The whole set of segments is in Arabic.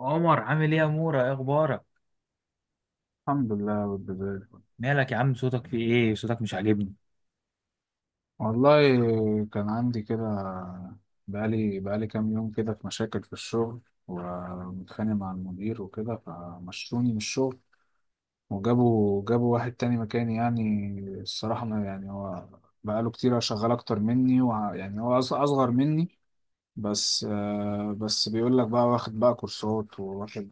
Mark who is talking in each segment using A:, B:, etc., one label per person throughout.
A: عمر، عامل ايه يا مورا؟ ايه اخبارك؟
B: الحمد لله بالبداية.
A: مالك يا عم؟ صوتك في ايه؟ صوتك مش عاجبني.
B: والله، كان عندي كده، بقالي كام يوم كده في مشاكل في الشغل، ومتخانق مع المدير وكده، فمشوني من الشغل، وجابوا واحد تاني مكاني يعني. الصراحة، ما يعني، هو بقاله كتير شغال أكتر مني، يعني هو أصغر مني. بس بس بيقول لك بقى واخد بقى كورسات، وواخد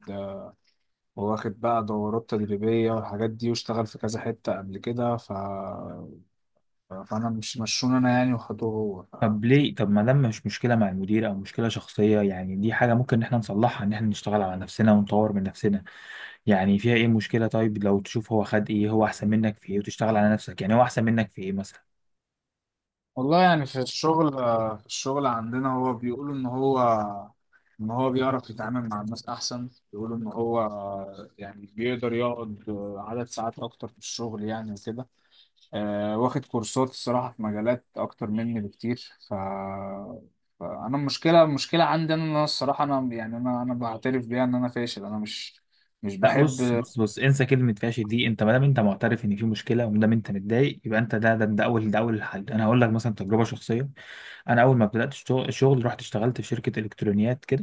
B: واخد بقى دورات تدريبية والحاجات دي، واشتغل في كذا حتة قبل كده. فانا مش مشون انا يعني، وخدوه هو.
A: طب ليه؟ طب، ما دام مش مشكله مع المدير او مشكله شخصيه، يعني دي حاجه ممكن ان احنا نصلحها، ان احنا نشتغل على نفسنا ونطور من نفسنا. يعني فيها ايه مشكله؟ طيب لو تشوف هو خد ايه، هو احسن منك في ايه، وتشتغل على نفسك. يعني هو احسن منك في ايه مثلا؟
B: والله يعني في الشغل، في الشغل عندنا، هو بيقولوا ان هو بيعرف يتعامل مع الناس احسن. بيقولوا ان هو، يعني بيقدر يقعد، عدد ساعات اكتر في الشغل يعني وكده. واخد كورسات، الصراحة، في مجالات اكتر مني بكتير. فانا المشكلة عندي انا، إن أنا الصراحة انا يعني، انا بعترف بيها ان انا فاشل. انا مش
A: لا، بص
B: بحب.
A: بص بص، انسى كلمه فاشل دي. انت ما دام انت معترف ان في مشكله وما دام انت متضايق، يبقى انت ده اول الحل. انا هقول لك مثلا تجربه شخصيه. انا اول ما بدات الشغل رحت اشتغلت في شركه الكترونيات كده.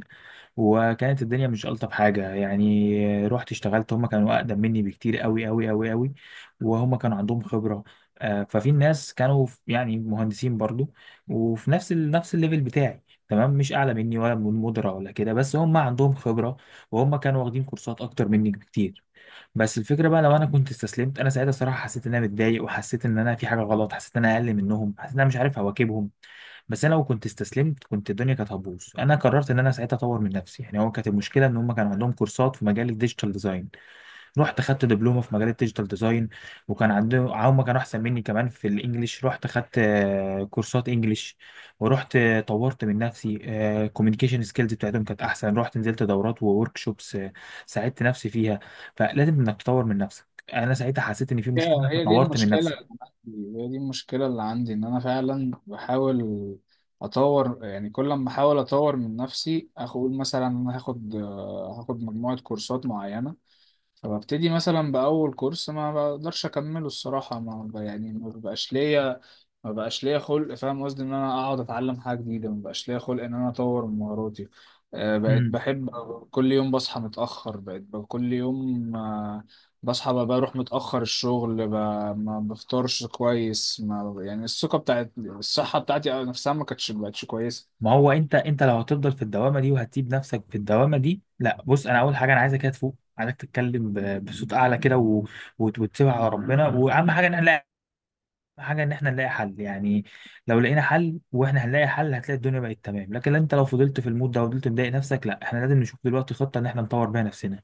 A: وكانت الدنيا مش ألطف حاجة، يعني رحت اشتغلت هم كانوا أقدم مني بكتير قوي قوي قوي قوي، وهم كانوا عندهم خبرة. ففي ناس كانوا يعني مهندسين برضو، وفي نفس نفس الليفل بتاعي، تمام، مش أعلى مني ولا من مدرة ولا كده، بس هم عندهم خبرة، وهم كانوا واخدين كورسات أكتر مني بكتير. بس الفكره بقى، لو انا كنت استسلمت، انا ساعتها صراحه حسيت ان انا متضايق، وحسيت ان انا في حاجه غلط، حسيت ان انا اقل منهم، حسيت ان انا مش عارف اواكبهم. بس انا لو كنت استسلمت كنت الدنيا كانت هتبوظ. انا قررت ان انا ساعتها اطور من نفسي. يعني هو كانت المشكله ان هم كان عندهم كورسات في مجال الديجيتال ديزاين. رحت خدت دبلومه في مجال الديجيتال ديزاين. وكان عندهم هم كانوا احسن مني كمان في الانجليش. رحت خدت كورسات انجليش، ورحت طورت من نفسي. كوميونيكيشن سكيلز بتاعتهم كانت احسن. رحت نزلت دورات وورك شوبس، ساعدت نفسي فيها. فلازم انك تطور من نفسك. انا ساعتها حسيت ان في
B: هي
A: مشكله
B: هي دي
A: فطورت من
B: المشكلة.
A: نفسك.
B: هي دي المشكلة اللي عندي، إن أنا فعلا بحاول أطور. يعني كل ما أحاول أطور من نفسي أقول مثلا أنا هاخد مجموعة كورسات معينة، فببتدي مثلا بأول كورس ما بقدرش أكمله. الصراحة ما ب- يعني ما بقاش ليا خلق. فاهم قصدي، ان انا اقعد اتعلم حاجه جديده ما بقاش ليا خلق ان انا اطور من مهاراتي. بقيت
A: مم.
B: بحب كل يوم بصحى متاخر. كل يوم، بصحى، بروح متاخر الشغل، ما بفطرش كويس. ما يعني الثقه بتاعت الصحه بتاعتي نفسها ما كانتش بقتش كويسه.
A: ما هو انت، لو هتفضل في الدوامه دي وهتسيب نفسك في الدوامه دي، لا، بص. انا اول حاجه انا عايزك كده تفوق. عايزك تتكلم بصوت اعلى كده وتسيبها على ربنا. واهم حاجه ان إن إحنا نلاقي حل، يعني. لو لقينا حل، وإحنا هنلاقي حل، هتلاقي الدنيا بقت تمام. لكن أنت لو فضلت في المود ده وفضلت مضايق نفسك، لا، إحنا لازم نشوف دلوقتي خطة إن إحنا نطور بيها نفسنا.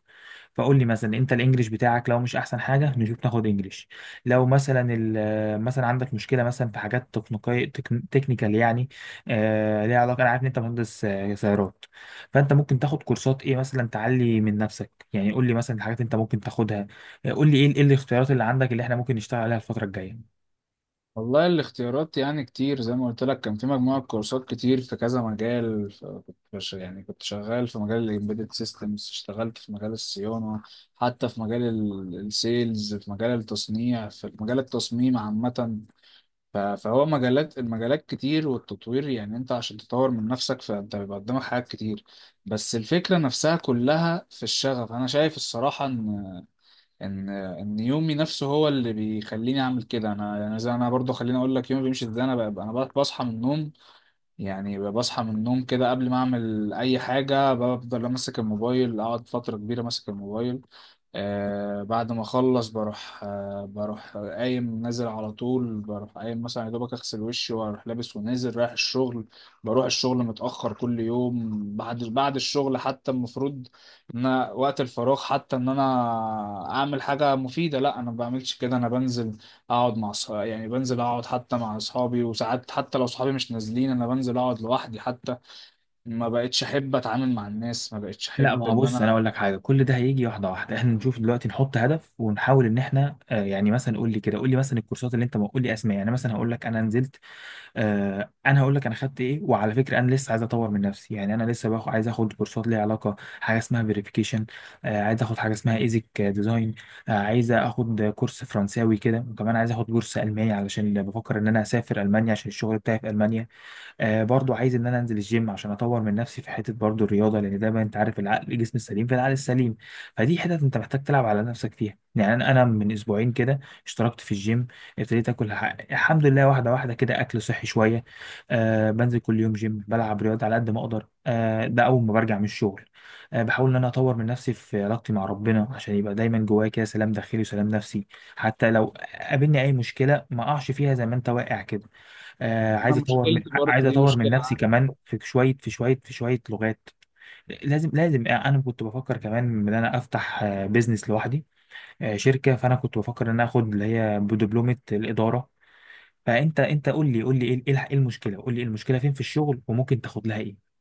A: فقول لي مثلا، أنت الإنجليش بتاعك لو مش أحسن حاجة، نشوف ناخد إنجليش. لو مثلا مثلا عندك مشكلة مثلا في حاجات تكنيكية، تكنيكال يعني، ليها علاقة. أنا عارف إن أنت مهندس سيارات، فأنت ممكن تاخد كورسات إيه مثلا تعلي من نفسك. يعني قول لي مثلا الحاجات أنت ممكن تاخدها. قول لي إيه الاختيارات اللي عندك، اللي إحنا ممكن نشتغل عليها الفترة الجاية.
B: والله، الاختيارات يعني كتير. زي ما قلت لك، كان في مجموعة كورسات كتير في كذا مجال. كنت يعني كنت شغال في مجال ال Embedded Systems، اشتغلت في مجال الصيانة، حتى في مجال السيلز، في مجال التصنيع، في مجال التصميم عامة. فهو مجالات، كتير، والتطوير يعني انت عشان تطور من نفسك فانت بيبقى قدامك حاجات كتير. بس الفكرة نفسها كلها في الشغف. انا شايف الصراحة ان يومي نفسه هو اللي بيخليني اعمل كده. انا يعني، زي انا برضو خليني اقول لك يومي بيمشي ازاي. انا بصحى من النوم. يعني بصحى من النوم كده قبل ما اعمل اي حاجه، بفضل ماسك الموبايل، اقعد فتره كبيره ماسك الموبايل. بعد ما اخلص بروح، قايم نازل على طول. بروح قايم مثلا يا دوبك اغسل وشي واروح لابس ونازل رايح الشغل. بروح الشغل متاخر كل يوم. بعد الشغل، حتى المفروض ان أنا وقت الفراغ حتى ان انا اعمل حاجه مفيده، لا، انا ما بعملش كده، انا بنزل اقعد مع صحابي. يعني بنزل اقعد حتى مع اصحابي، وساعات حتى لو صحابي مش نازلين انا بنزل اقعد لوحدي حتى. ما بقتش احب اتعامل مع الناس. ما بقتش
A: لا،
B: احب
A: ما هو
B: ان
A: بص، انا
B: انا.
A: اقول لك حاجه، كل ده هيجي واحده واحده. احنا نشوف دلوقتي نحط هدف ونحاول ان احنا، يعني مثلا، قول لي مثلا الكورسات اللي انت، ما قول لي اسماء. يعني مثلا هقول لك انا نزلت آه، انا هقول لك انا خدت ايه. وعلى فكره انا لسه عايز اطور من نفسي. يعني انا لسه عايز اخد كورسات ليها علاقه، حاجه اسمها فيريفيكيشن. عايز اخد حاجه اسمها ايزك ديزاين. عايز اخد كورس فرنساوي كده، وكمان عايز اخد كورس الماني علشان بفكر ان انا اسافر المانيا، عشان الشغل بتاعي في المانيا. برضو عايز ان انا انزل الجيم عشان اطور من نفسي في حته برضو الرياضه، لان دايما انت عارف، العقل، الجسم السليم في العقل السليم. فدي حتت انت محتاج تلعب على نفسك فيها. يعني انا، من اسبوعين كده اشتركت في الجيم. ابتديت اكل الحمد لله واحده واحده كده اكل صحي شويه. بنزل كل يوم جيم، بلعب رياضه على قد ما اقدر. ده اول ما برجع من الشغل. بحاول ان انا اطور من نفسي في علاقتي مع ربنا، عشان يبقى دايما جوايا كده سلام داخلي وسلام نفسي. حتى لو قابلني اي مشكله، ما اقعش فيها زي ما انت واقع كده. عايز
B: انا
A: اطور
B: مشكلتي
A: عايز
B: برضه دي
A: اطور من
B: مشكلة
A: نفسي
B: عندي.
A: كمان في شويه لغات. لازم، انا كنت بفكر كمان ان انا افتح بيزنس لوحدي، شركه. فانا كنت بفكر ان انا اخد اللي هي بدبلومه الاداره. فانت انت قول لي قول لي ايه إيه الح- إيه المشكله قول لي إيه المشكله فين في الشغل، وممكن تاخد لها ايه.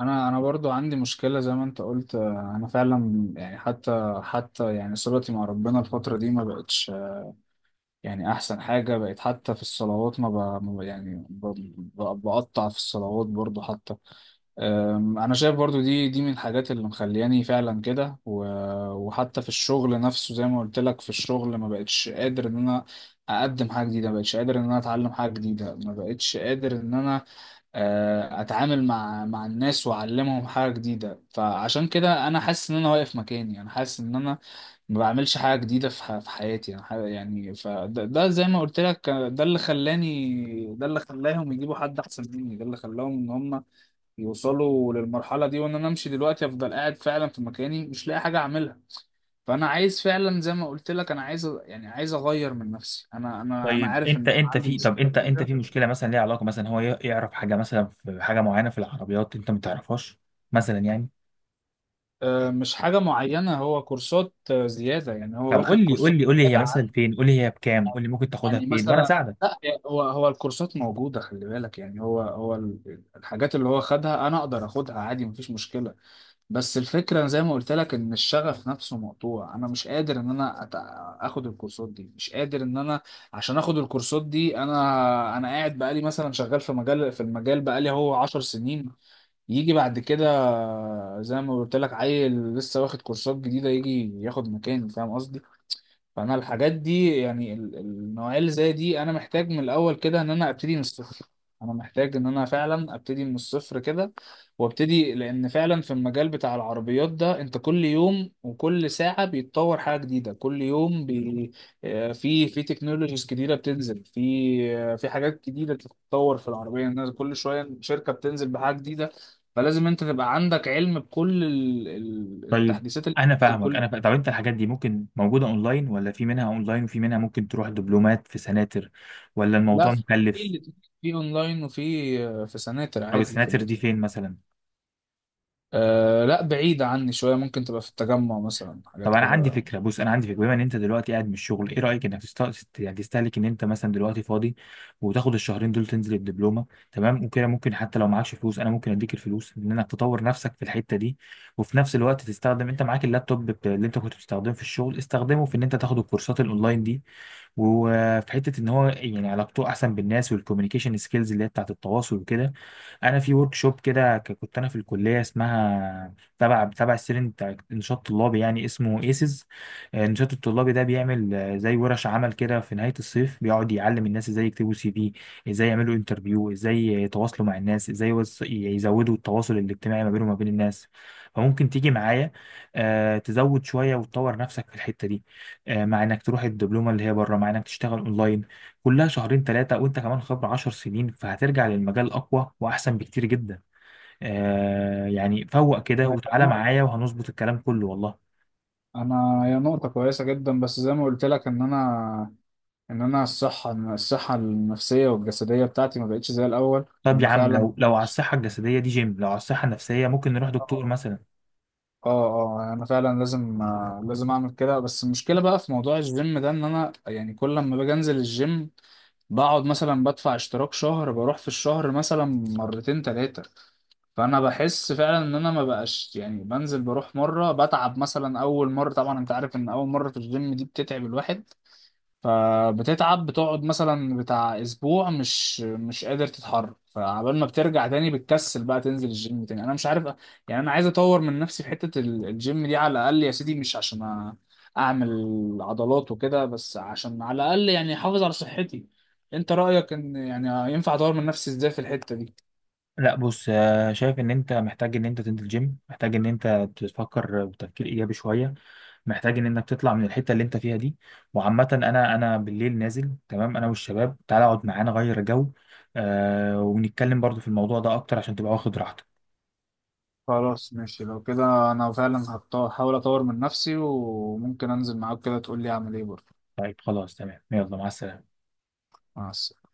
B: انا برضه عندي مشكلة زي ما انت قلت. انا فعلا يعني، حتى يعني صلتي مع ربنا الفترة دي ما بقتش يعني احسن حاجة. بقت حتى في الصلوات، ما, ب... ما ب... يعني ب... ب... بقطع في الصلوات برضو حتى. انا شايف برضو دي من الحاجات اللي مخلياني فعلا كده. وحتى في الشغل نفسه، زي ما قلت لك، في الشغل ما بقتش قادر ان انا اقدم حاجه جديده. ما بقتش قادر ان انا اتعلم حاجه جديده. ما بقتش قادر ان انا، اتعامل مع الناس واعلمهم حاجه جديده. فعشان كده انا حاسس ان انا واقف مكاني. انا حاسس ان انا ما بعملش حاجة جديدة في في حياتي. يعني يعني فده زي ما قلت لك. ده اللي خلاني، ده اللي خلاهم يجيبوا حد أحسن مني. ده اللي خلاهم إن هم يوصلوا للمرحلة دي، وإن أنا أمشي دلوقتي. أفضل قاعد فعلا في مكاني مش لاقي حاجة أعملها. فأنا عايز فعلا، زي ما قلت لك، أنا عايز يعني عايز أغير من نفسي. أنا
A: طيب
B: عارف
A: انت،
B: إن
A: انت
B: عندي
A: في طب
B: مشكلة
A: انت انت
B: كبيرة.
A: في مشكله مثلا ليها علاقه، مثلا هو يعرف حاجه مثلا، في حاجه معينه في العربيات انت ما تعرفهاش مثلا، يعني.
B: مش حاجة معينة. هو كورسات زيادة. يعني هو
A: طب
B: واخد كورسات
A: قول لي هي
B: زيادة.
A: مثلا فين، قول لي هي بكام، قول لي ممكن تاخدها
B: يعني
A: فين وانا
B: مثلا،
A: اساعدك.
B: لا، هو الكورسات موجودة. خلي بالك، يعني هو الحاجات اللي هو خدها أنا أقدر أخدها عادي، مفيش مشكلة. بس الفكرة زي ما قلت لك، إن الشغف نفسه مقطوع. أنا مش قادر إن أنا آخد الكورسات دي. مش قادر إن أنا، عشان آخد الكورسات دي، أنا قاعد بقالي مثلا شغال في مجال، في المجال، بقالي هو 10 سنين. يجي بعد كده، زي ما قلت لك، عيل لسه واخد كورسات جديدة يجي ياخد مكاني. فاهم قصدي؟ فانا الحاجات دي، يعني النوعيه اللي زي دي، انا محتاج من الاول كده ان انا ابتدي من الصفر. انا محتاج ان انا فعلا ابتدي من الصفر كده، وابتدي، لان فعلا في المجال بتاع العربيات ده، انت كل يوم وكل ساعه بيتطور حاجه جديده كل يوم في تكنولوجيز جديده بتنزل. في في حاجات جديده بتتطور في العربيه، الناس كل شويه شركه بتنزل بحاجه جديده. فلازم انت تبقى عندك علم بكل
A: طيب
B: التحديثات اللي
A: انا
B: بتنزل
A: فاهمك.
B: كل
A: طب انت الحاجات دي ممكن موجوده اونلاين، ولا في منها اونلاين وفي منها ممكن تروح دبلومات في سناتر، ولا
B: لا
A: الموضوع
B: في
A: مكلف؟
B: اللي في اونلاين، وفي في سناتر
A: طب
B: عادي في
A: السناتر
B: اللي
A: دي فين مثلا؟
B: لا بعيدة عني شوية، ممكن تبقى في التجمع مثلا
A: طب
B: حاجات
A: انا عندي
B: كده.
A: فكره، بص، انا عندي فكره. بما ان انت دلوقتي قاعد من الشغل، ايه رايك انك يعني تستهلك ان انت مثلا دلوقتي فاضي، وتاخد الشهرين دول تنزل الدبلومه، تمام. وكده ممكن، حتى لو معكش فلوس، انا ممكن اديك الفلوس ان انك تطور نفسك في الحته دي. وفي نفس الوقت تستخدم، انت معاك اللابتوب اللي انت كنت بتستخدمه في الشغل، استخدمه في ان انت تاخد الكورسات الاونلاين دي. وفي حته ان هو يعني علاقته احسن بالناس، والكوميونيكيشن سكيلز اللي هي بتاعت التواصل وكده، انا في ورك شوب كده كنت انا في الكليه، اسمها تبع السيرين، بتاع نشاط طلابي يعني، اسمه ايسز. النشاط الطلابي ده بيعمل زي ورش عمل كده في نهاية الصيف، بيقعد يعلم الناس ازاي يكتبوا سي في، ازاي يعملوا انترفيو، ازاي يتواصلوا مع الناس، ازاي يزودوا التواصل الاجتماعي ما بينهم وما بين الناس. فممكن تيجي معايا تزود شوية وتطور نفسك في الحتة دي، مع انك تروح الدبلومة اللي هي بره، مع انك تشتغل اونلاين. كلها شهرين ثلاثة، وانت كمان خبرة 10 سنين، فهترجع للمجال اقوى واحسن بكتير جدا. يعني، فوق كده وتعالى معايا وهنظبط الكلام كله والله.
B: انا هي نقطة كويسة جدا. بس زي ما قلت لك ان انا، إن الصحة النفسية والجسدية بتاعتي ما بقتش زي الاول. ان
A: طب يا
B: انا
A: عم،
B: فعلا.
A: لو على الصحة الجسدية دي جيم، لو على الصحة النفسية ممكن نروح
B: اه،
A: دكتور مثلا.
B: اه. يعني انا فعلا لازم، لازم اعمل كده. بس المشكلة بقى في موضوع الجيم ده، ان انا يعني كل لما باجي انزل الجيم، بقعد مثلا بدفع اشتراك شهر، بروح في الشهر مثلا مرتين تلاتة. فانا بحس فعلا ان انا ما بقاش، يعني بنزل بروح مره بتعب. مثلا اول مره طبعا انت عارف ان اول مره في الجيم دي بتتعب الواحد. فبتتعب، بتقعد مثلا بتاع اسبوع مش قادر تتحرك. فعبال ما بترجع تاني بتكسل بقى تنزل الجيم تاني. انا مش عارف، يعني انا عايز اطور من نفسي في حته الجيم دي على الاقل يا سيدي. مش عشان اعمل عضلات وكده، بس عشان على الاقل يعني احافظ على صحتي. انت رايك ان يعني ينفع اطور من نفسي ازاي في الحته دي؟
A: لا، بص، شايف ان انت محتاج ان انت تنزل جيم، محتاج ان انت تفكر بتفكير ايجابي شوية، محتاج ان انك تطلع من الحتة اللي انت فيها دي. وعامة انا، بالليل نازل، تمام، انا والشباب، تعالى اقعد معانا غير جو. ونتكلم برضو في الموضوع ده اكتر عشان تبقى واخد راحتك.
B: خلاص ماشي، لو كده انا فعلا هحاول اطور من نفسي، وممكن انزل معاك كده تقول لي اعمل ايه برضه.
A: طيب خلاص تمام، يلا، مع السلامة.
B: مع السلامة.